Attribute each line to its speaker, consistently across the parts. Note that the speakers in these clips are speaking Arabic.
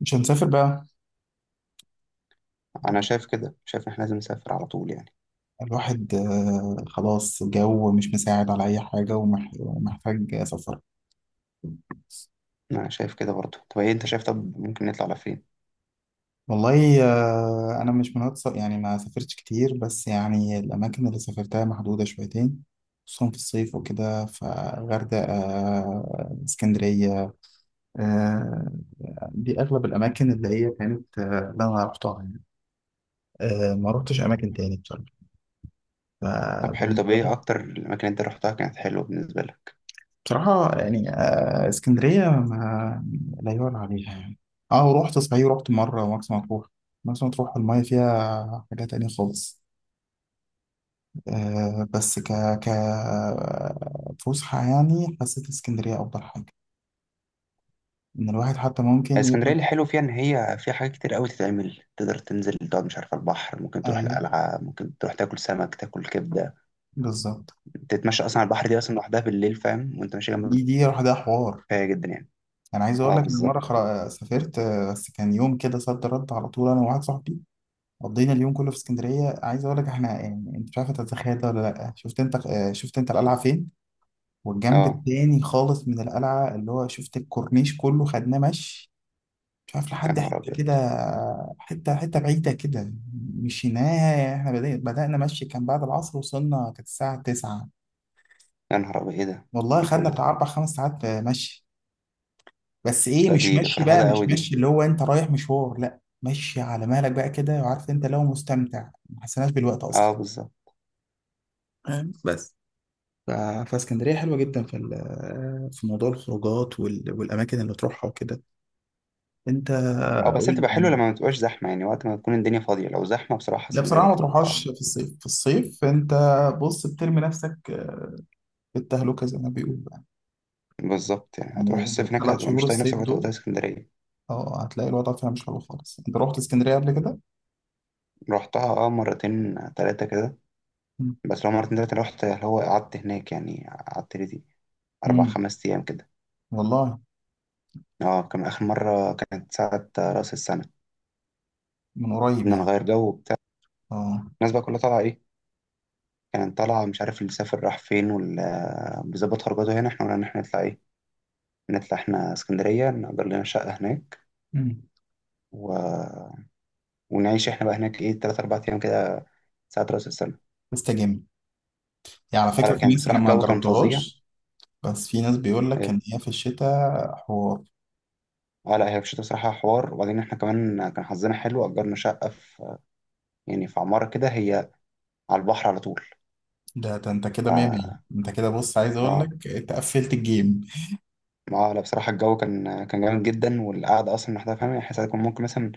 Speaker 1: مش هنسافر بقى.
Speaker 2: انا شايف كده، شايف ان احنا لازم نسافر على طول يعني.
Speaker 1: الواحد خلاص، جو مش مساعد على أي حاجة ومحتاج سفر.
Speaker 2: انا شايف كده برضه. طب ايه انت شايف؟ طب ممكن نطلع على فين؟
Speaker 1: والله، أنا مش يعني ما سافرتش كتير، بس يعني الأماكن اللي سافرتها محدودة شويتين. خصوصا في الصيف وكده، فغردقة، اسكندرية. آه. دي أغلب الأماكن اللي هي كانت، اللي أنا رحتها يعني. ما رحتش أماكن تاني بصراحة.
Speaker 2: طب حلو، طب
Speaker 1: فبالنسبة
Speaker 2: ايه
Speaker 1: لي.
Speaker 2: اكتر الاماكن اللي انت رحتها كانت حلوه بالنسبه لك؟
Speaker 1: بصراحة يعني، اسكندرية ما لا يعلى عليها يعني. اه ورحت، صحيح رحت مرة مرسى مطروح. مرسى مطروح المية فيها حاجة تانية خالص. بس ك ك فسحة، يعني حسيت اسكندرية أفضل حاجة. إن الواحد حتى ممكن
Speaker 2: اسكندريه،
Speaker 1: يبقى.
Speaker 2: اللي حلو فيها ان هي فيها حاجات كتير قوي تتعمل. تقدر تنزل تقعد مش عارف على البحر، ممكن تروح
Speaker 1: أيوه.
Speaker 2: القلعه، ممكن تروح تاكل سمك، تاكل كبده،
Speaker 1: بالظبط.
Speaker 2: تتمشى اصلا على البحر. دي اصلا لوحدها بالليل فاهم، وانت ماشي جنب البحر
Speaker 1: دي لوحدها حوار.
Speaker 2: كفايه جدا يعني.
Speaker 1: أنا عايز أقول
Speaker 2: اه
Speaker 1: لك إن مرة
Speaker 2: بالظبط.
Speaker 1: سافرت، بس كان يوم كده صد رد على طول، أنا وواحد صاحبي. قضينا اليوم كله في اسكندريه. عايز اقول لك احنا، يعني انت مش عارف تتخيل ده ولا لا. شفت انت القلعه فين؟ والجنب
Speaker 2: اه
Speaker 1: التاني خالص من القلعه، اللي هو شفت الكورنيش كله خدناه مشي. مش عارف
Speaker 2: يا
Speaker 1: لحد حته
Speaker 2: نهار ابيض.
Speaker 1: كده. حته حته بعيده كده. مشيناها احنا، بدانا مشي كان بعد العصر، وصلنا كانت الساعه 9.
Speaker 2: يا نهار ابيض، ايه ده؟
Speaker 1: والله
Speaker 2: ايه كل
Speaker 1: خدنا
Speaker 2: ده؟
Speaker 1: بتاع اربع خمس ساعات، مشي. بس ايه،
Speaker 2: بس لا،
Speaker 1: مش
Speaker 2: دي
Speaker 1: مشي بقى،
Speaker 2: فرهده قوي
Speaker 1: مش
Speaker 2: دي.
Speaker 1: مشي اللي هو انت رايح مشوار. لا مشي على مهلك بقى كده، وعارف انت لو مستمتع ما حسيناش بالوقت
Speaker 2: اه
Speaker 1: اصلا.
Speaker 2: بالظبط.
Speaker 1: بس ف- فاسكندرية حلوة جدا، في موضوع الخروجات، والأماكن اللي تروحها وكده. أنت.
Speaker 2: او بس هي
Speaker 1: قول
Speaker 2: بتبقى
Speaker 1: لي.
Speaker 2: حلوه لما ما تبقاش زحمه يعني، وقت ما تكون الدنيا فاضيه. لو زحمه بصراحه
Speaker 1: لا
Speaker 2: اسكندريه
Speaker 1: بصراحة ما
Speaker 2: تبقى
Speaker 1: تروحهاش في الصيف. في الصيف أنت بص بترمي نفسك في التهلكة زي ما بيقولوا يعني.
Speaker 2: بالظبط. يعني هتروح
Speaker 1: يعني
Speaker 2: الصيف هناك،
Speaker 1: ثلاث
Speaker 2: هتبقى مش
Speaker 1: شهور
Speaker 2: طايق
Speaker 1: الصيف
Speaker 2: نفسك وتبقى
Speaker 1: دول.
Speaker 2: طايق اسكندريه.
Speaker 1: اه هتلاقي الوضع فيها مش حلو خالص. أنت رحت اسكندرية قبل كده؟
Speaker 2: رحتها اه مرتين ثلاثه كده.
Speaker 1: مم.
Speaker 2: بس لو مرتين ثلاثه رحت اللي هو قعدت هناك، يعني قعدت لي دي اربع
Speaker 1: مم.
Speaker 2: خمس ايام كده.
Speaker 1: والله.
Speaker 2: اه كان اخر مره كانت ساعه راس السنه،
Speaker 1: من قريب
Speaker 2: قلنا
Speaker 1: يعني.
Speaker 2: نغير جو وبتاع.
Speaker 1: اه.
Speaker 2: الناس بقى كلها طالعه ايه، كانت طالعه. مش عارف اللي سافر راح فين، واللي بيظبط خرجاته هنا. احنا قلنا ان احنا نطلع ايه، نطلع احنا اسكندريه، نأجر لنا شقه هناك،
Speaker 1: مم.
Speaker 2: و ونعيش احنا بقى هناك ايه، تلات أربع أيام كده، ساعة رأس السنة.
Speaker 1: استجم. يعني على
Speaker 2: اه لا،
Speaker 1: فكرة، في
Speaker 2: كان
Speaker 1: ناس أنا
Speaker 2: بصراحة
Speaker 1: ما
Speaker 2: الجو كان فظيع.
Speaker 1: جربتهاش. بس في ناس بيقول لك
Speaker 2: إيه.
Speaker 1: إن هي في الشتاء حوار.
Speaker 2: اه لا، هي في الشتا بصراحة حوار. وبعدين احنا كمان كان حظنا حلو، أجرنا شقة في يعني في عمارة كده، هي على البحر على طول.
Speaker 1: ده انت كده مية مية. انت كده بص، عايز اقول
Speaker 2: اه.
Speaker 1: لك انت قفلت الجيم.
Speaker 2: اه لا بصراحة الجو كان جامد جدا، والقعدة أصلا لوحدها فاهم يعني. ساعات كنا ممكن مثلا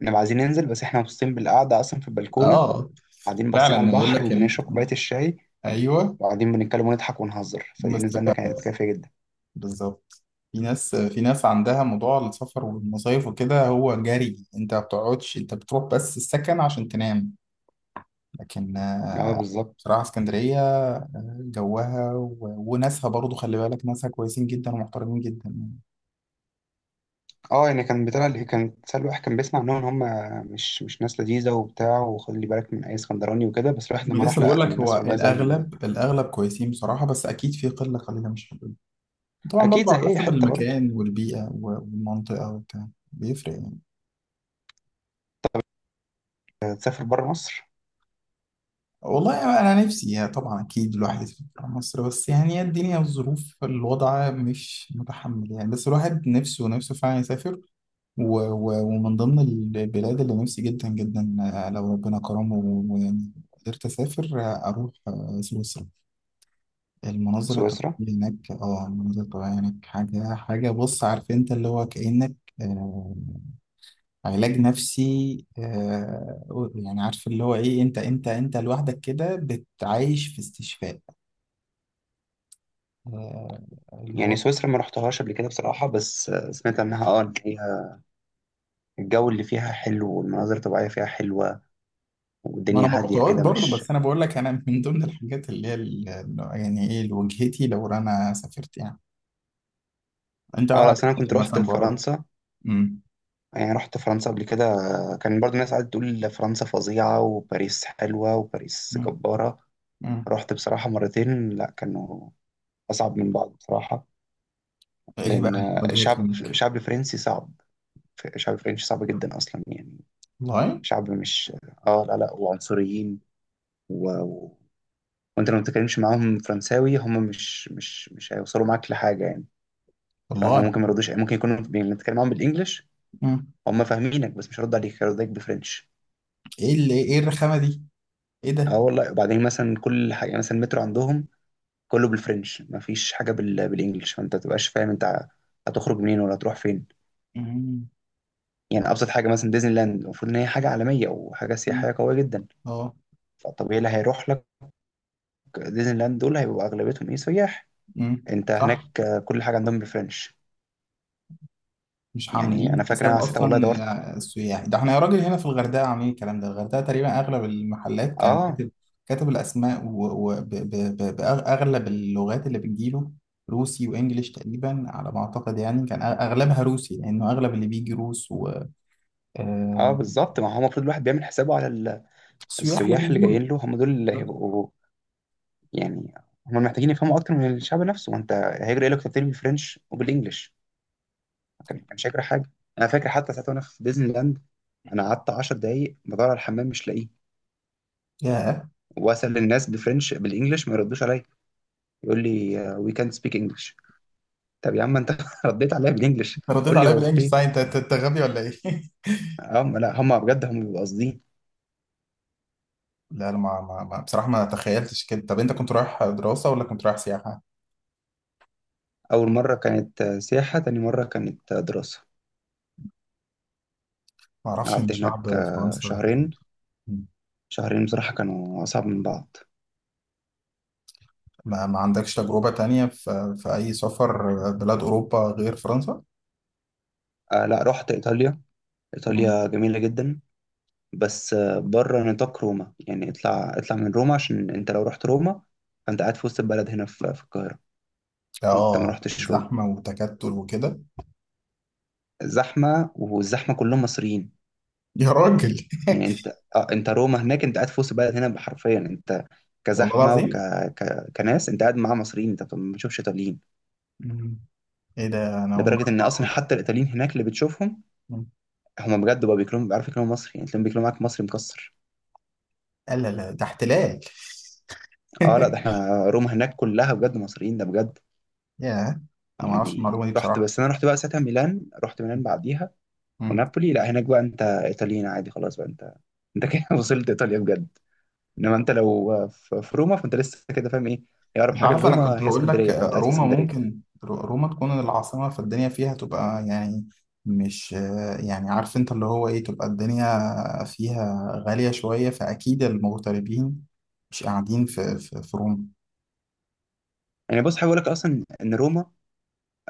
Speaker 2: نبقى عايزين ننزل بس احنا مبسوطين بالقعدة أصلا في البلكونة،
Speaker 1: اه.
Speaker 2: قاعدين باصين على
Speaker 1: فعلا يقول
Speaker 2: البحر
Speaker 1: لك ان،
Speaker 2: وبنشرب كوباية الشاي،
Speaker 1: ايوه.
Speaker 2: وقاعدين بنتكلم ونضحك ونهزر. فدي نزلنا
Speaker 1: مستقر.
Speaker 2: كانت كافية جدا.
Speaker 1: بالظبط. في ناس عندها موضوع السفر والمصايف وكده، هو جري، انت ما بتقعدش، انت بتروح بس السكن عشان تنام. لكن،
Speaker 2: اه بالظبط.
Speaker 1: بصراحة اسكندرية، جوها وناسها برضو، خلي بالك ناسها كويسين جدا ومحترمين جدا.
Speaker 2: اه يعني كان بتاع، كان سهل واحد كان بيسمع عنهم ان هم مش ناس لذيذه وبتاع، وخلي بالك من اي اسكندراني وكده. بس الواحد
Speaker 1: ما
Speaker 2: لما راح
Speaker 1: لسه
Speaker 2: لقى
Speaker 1: بقول لك، هو
Speaker 2: الناس والله زي ال...
Speaker 1: الاغلب كويسين بصراحة، بس اكيد في قلة قليلة مش حلوة. طبعا برضه
Speaker 2: اكيد
Speaker 1: على
Speaker 2: زي اي
Speaker 1: حسب
Speaker 2: حته برضه.
Speaker 1: المكان والبيئة والمنطقة وبتاع بيفرق يعني.
Speaker 2: تسافر بره مصر.
Speaker 1: والله أنا نفسي يعني، طبعا أكيد الواحد يسافر برا مصر، بس يعني هي الدنيا والظروف، الوضع مش متحمل يعني، بس الواحد نفسه نفسه فعلا يسافر. و و ومن ضمن البلاد اللي نفسي جدا جدا، لو ربنا كرمه ويعني قدرت أسافر، أروح سويسرا.
Speaker 2: سويسرا.
Speaker 1: المناظر الطبيعية هناك حاجة حاجة، بص عارف أنت اللي هو كأنك آه، علاج نفسي. يعني عارف اللي هو ايه، انت لوحدك كده بتعيش في استشفاء، آه
Speaker 2: يعني
Speaker 1: الوضع.
Speaker 2: سويسرا ما رحتهاش قبل كده بصراحه، بس سمعت عنها اه ان هي الجو اللي فيها حلو، والمناظر الطبيعيه فيها حلوه،
Speaker 1: ما انا
Speaker 2: والدنيا
Speaker 1: ما
Speaker 2: هاديه
Speaker 1: رحتهاش
Speaker 2: كده
Speaker 1: برضه،
Speaker 2: مش.
Speaker 1: بس انا بقول لك، انا من ضمن الحاجات اللي هي يعني ايه لوجهتي لو انا سافرت يعني. انت لو
Speaker 2: اه لا
Speaker 1: عايز
Speaker 2: أصل انا كنت
Speaker 1: تسافر مثلا
Speaker 2: رحت
Speaker 1: بره.
Speaker 2: فرنسا.
Speaker 1: امم.
Speaker 2: يعني رحت فرنسا قبل كده، كان برضه الناس قاعدة تقول فرنسا فظيعة وباريس حلوة وباريس
Speaker 1: أمم.
Speaker 2: جبارة.
Speaker 1: أمم.
Speaker 2: رحت بصراحة مرتين، لا كانوا أصعب من بعض بصراحة.
Speaker 1: ايه بقى
Speaker 2: لأن
Speaker 1: اللي واجهتك
Speaker 2: الشعب
Speaker 1: هناك؟
Speaker 2: الشعب الفرنسي صعب، الشعب الفرنسي صعب جدا أصلا يعني.
Speaker 1: والله.
Speaker 2: شعب مش، آه، لا لا، وعنصريين و... و... وأنت لو ما بتتكلمش معاهم فرنساوي هم مش هيوصلوا معاك لحاجة يعني. فاهم، هم
Speaker 1: والله.
Speaker 2: ممكن ما يردوش، ممكن يكونوا بنتكلم معاهم بالإنجلش،
Speaker 1: أمم.
Speaker 2: هم فاهمينك بس مش هيردوا عليك، هيردوا عليك بالفرنش.
Speaker 1: ايه الرخامه دي؟ ايه
Speaker 2: اه
Speaker 1: ده؟
Speaker 2: والله. وبعدين مثلا كل حاجة، يعني مثلا المترو عندهم كله بالفرنش، مفيش حاجة بال... بالإنجلش. فأنت ما تبقاش فاهم أنت هتخرج منين ولا هتروح فين.
Speaker 1: أمم.
Speaker 2: يعني ابسط حاجه مثلا ديزني لاند، المفروض ان هي حاجه عالميه او حاجه سياحيه
Speaker 1: أمم.
Speaker 2: قويه جدا.
Speaker 1: اه.
Speaker 2: فالطبيعي اللي هيروح لك ديزني لاند دول هيبقوا اغلبيتهم ايه، سياح.
Speaker 1: أمم.
Speaker 2: انت
Speaker 1: صح.
Speaker 2: هناك كل حاجه عندهم بالفرنش.
Speaker 1: مش
Speaker 2: يعني انا
Speaker 1: عاملين
Speaker 2: فاكر
Speaker 1: حساب
Speaker 2: انا ساعتها والله
Speaker 1: اصلا.
Speaker 2: دورت.
Speaker 1: السياح، ده احنا يا راجل هنا في الغردقه عاملين الكلام ده. الغردقه تقريبا اغلب المحلات كان
Speaker 2: اه.
Speaker 1: كاتب الاسماء وباغلب اللغات اللي بتجيله. روسي وانجليش تقريبا على ما اعتقد يعني. كان اغلبها روسي، لانه اغلب اللي بيجي روس.
Speaker 2: اه
Speaker 1: والسياح
Speaker 2: بالظبط. ما هو المفروض الواحد بيعمل حسابه على
Speaker 1: اللي
Speaker 2: السياح اللي
Speaker 1: بيجوا
Speaker 2: جايين
Speaker 1: له.
Speaker 2: له، هم دول اللي
Speaker 1: بالظبط.
Speaker 2: هيبقوا يعني. هم محتاجين يفهموا اكتر من الشعب نفسه، وانت هيجري إيه لك كتير بالفرنش وبالانجلش، كان مش هيجري حاجه. انا فاكر حتى ساعتها وانا في ديزني لاند، انا قعدت 10 دقايق بدور على الحمام مش لاقيه،
Speaker 1: ياه.
Speaker 2: واسال الناس بفرنش بالانجلش ما يردوش عليا. يقول لي وي كانت سبيك انجلش. طب يا عم انت رديت عليا بالانجلش
Speaker 1: انت رديت
Speaker 2: قول لي
Speaker 1: عليا
Speaker 2: هو
Speaker 1: بالانجلش.
Speaker 2: فين.
Speaker 1: صحيح، انت انت أنت غبي ولا ايه؟
Speaker 2: هم لا، هم بجد هم بيبقوا قاصدين.
Speaker 1: لا انا بصراحه ما تخيلتش كده. طب انت كنت رايح دراسه ولا كنت رايح سياحه؟
Speaker 2: اول مره كانت سياحه، تاني مره كانت دراسه.
Speaker 1: ما اعرفش ان
Speaker 2: قعدت هناك
Speaker 1: شعب فرنسا كده.
Speaker 2: شهرين. شهرين بصراحه كانوا اصعب من بعض.
Speaker 1: ما عندكش تجربة تانية في أي سفر بلاد أوروبا غير فرنسا؟
Speaker 2: آه لا، رحت ايطاليا.
Speaker 1: مم.
Speaker 2: ايطاليا جميله جدا، بس بره نطاق روما يعني. اطلع اطلع من روما، عشان انت لو رحت روما فانت قاعد في وسط البلد هنا في القاهره. انت ما رحتش روما،
Speaker 1: زحمة وتكتل وكده.
Speaker 2: زحمه والزحمه كلهم مصريين.
Speaker 1: يا راجل.
Speaker 2: يعني انت، انت روما هناك انت قاعد في وسط بلد هنا حرفيا انت.
Speaker 1: والله
Speaker 2: كزحمه
Speaker 1: العظيم.
Speaker 2: كناس، انت قاعد مع مصريين انت ما بتشوفش ايطاليين.
Speaker 1: مم. إيه ده، أنا أول مرة
Speaker 2: لدرجه
Speaker 1: أسمع
Speaker 2: ان اصلا
Speaker 1: المعلومة دي.
Speaker 2: حتى الايطاليين هناك اللي بتشوفهم
Speaker 1: مم.
Speaker 2: هم بجد بقى بيعرفوا يكلموا مصري، يعني تلاقيهم بيكلموا معاك مصري مكسر.
Speaker 1: لا لا لا، ده احتلال.
Speaker 2: اه لا ده احنا روما هناك كلها بجد مصريين، ده بجد.
Speaker 1: يا. أنا ما أعرفش
Speaker 2: يعني
Speaker 1: المعلومة دي
Speaker 2: رحت،
Speaker 1: بصراحة.
Speaker 2: بس انا رحت بقى ساعتها ميلان، رحت ميلان بعديها
Speaker 1: مم.
Speaker 2: ونابولي. لا هناك بقى انت ايطاليين عادي، خلاص بقى انت، انت كده وصلت ايطاليا بجد. انما انت لو في روما فانت لسه كده فاهم ايه. هي اقرب
Speaker 1: انت
Speaker 2: حاجه
Speaker 1: عارف انا كنت
Speaker 2: لروما هي
Speaker 1: هقول لك،
Speaker 2: اسكندريه، فانت قاعد في
Speaker 1: روما
Speaker 2: اسكندريه.
Speaker 1: ممكن روما تكون العاصمة، فالدنيا فيها تبقى يعني. مش، يعني عارف انت اللي هو ايه تبقى الدنيا فيها غالية شوية، فأكيد المغتربين مش قاعدين في روما.
Speaker 2: يعني بص حابب اقول لك اصلا ان روما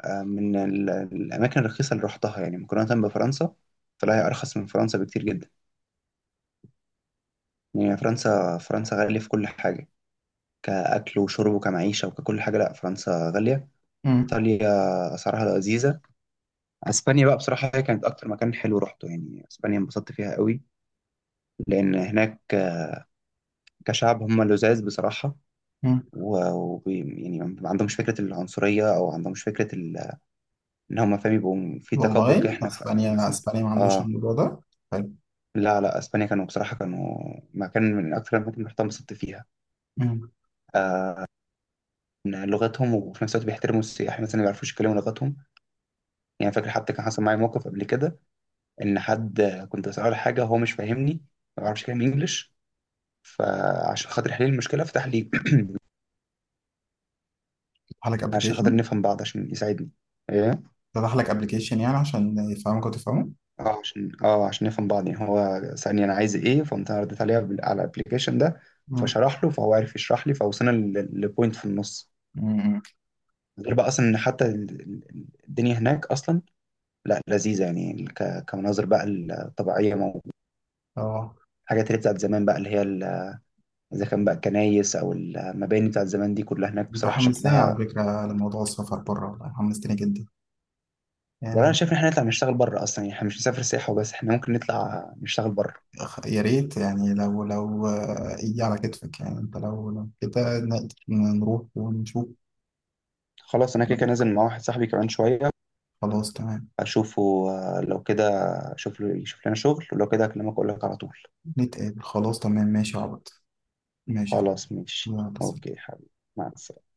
Speaker 2: من الاماكن الرخيصه اللي رحتها، يعني مقارنه بفرنسا طلع هي ارخص من فرنسا بكتير جدا. يعني فرنسا، فرنسا غاليه في كل حاجه، كاكل وشرب وكمعيشه وككل حاجه. لا فرنسا غاليه.
Speaker 1: مم.
Speaker 2: ايطاليا اسعارها لذيذه. اسبانيا بقى بصراحه هي كانت اكتر مكان حلو رحته، يعني اسبانيا انبسطت فيها قوي. لان هناك كشعب هم لذاذ بصراحه،
Speaker 1: مم.
Speaker 2: يعني ما عندهمش فكره العنصريه، او عندهمش فكره ان هم فاهم يبقوا في تكبر كده.
Speaker 1: والله،
Speaker 2: احنا
Speaker 1: اسبانيا
Speaker 2: مثلا.
Speaker 1: اسبانيا ما عندوش
Speaker 2: اه
Speaker 1: الموضوع ده. حلو.
Speaker 2: لا لا، اسبانيا كانوا بصراحه كانوا مكان من اكثر الاماكن اللي رحتها انبسطت فيها،
Speaker 1: مم.
Speaker 2: من لغتهم. وفي نفس الوقت بيحترموا السياح مثلا اللي ما بيعرفوش يتكلموا لغتهم. يعني فاكر حتى كان حصل معايا موقف قبل كده، ان حد كنت بساله على حاجه هو مش فاهمني، ما بيعرفش يتكلم انجلش. فعشان خاطر يحل لي المشكله فتح لي
Speaker 1: فتح لك
Speaker 2: عشان خاطر
Speaker 1: ابلكيشن.
Speaker 2: نفهم بعض، عشان يساعدني، ايه،
Speaker 1: فتح لك ابلكيشن يعني عشان يفهمك وتفهمه.
Speaker 2: عشان نفهم بعض يعني. هو سألني انا عايز ايه، فقمت انا رديت عليه على الابلكيشن ده،
Speaker 1: مم.
Speaker 2: فشرح له، فهو عرف يشرح لي، فوصلنا لبوينت في النص.
Speaker 1: مم.
Speaker 2: غير بقى اصلا ان حتى الدنيا هناك اصلا لا لذيذة يعني. كمناظر بقى الطبيعية موجودة،
Speaker 1: اه.
Speaker 2: الحاجات اللي بتاعت زمان بقى اللي هي إذا كان بقى الكنايس أو المباني بتاعت زمان دي، كلها هناك
Speaker 1: انت
Speaker 2: بصراحة
Speaker 1: حمستني على
Speaker 2: شكلها.
Speaker 1: فكرة لموضوع السفر بره، والله حمستني جدا.
Speaker 2: والله أنا
Speaker 1: يعني.
Speaker 2: شايف إن إحنا نطلع نشتغل بره أصلا. يعني إحنا مش نسافر سياحة وبس، إحنا ممكن نطلع نشتغل بره.
Speaker 1: يا ريت يعني، لو يجي على كتفك يعني، انت لو كده نقدر نروح ونشوف.
Speaker 2: خلاص أنا كده كده نازل مع واحد صاحبي كمان شوية
Speaker 1: خلاص تمام.
Speaker 2: أشوفه. لو كده أشوف له يشوف لنا شغل، ولو كده أكلمك أقول لك على طول.
Speaker 1: نتقابل، خلاص تمام، ماشي يا عبد. ماشي يا عبد.
Speaker 2: خلاص، ماشي،
Speaker 1: يلا،
Speaker 2: أوكي حبيبي. مع السلامة.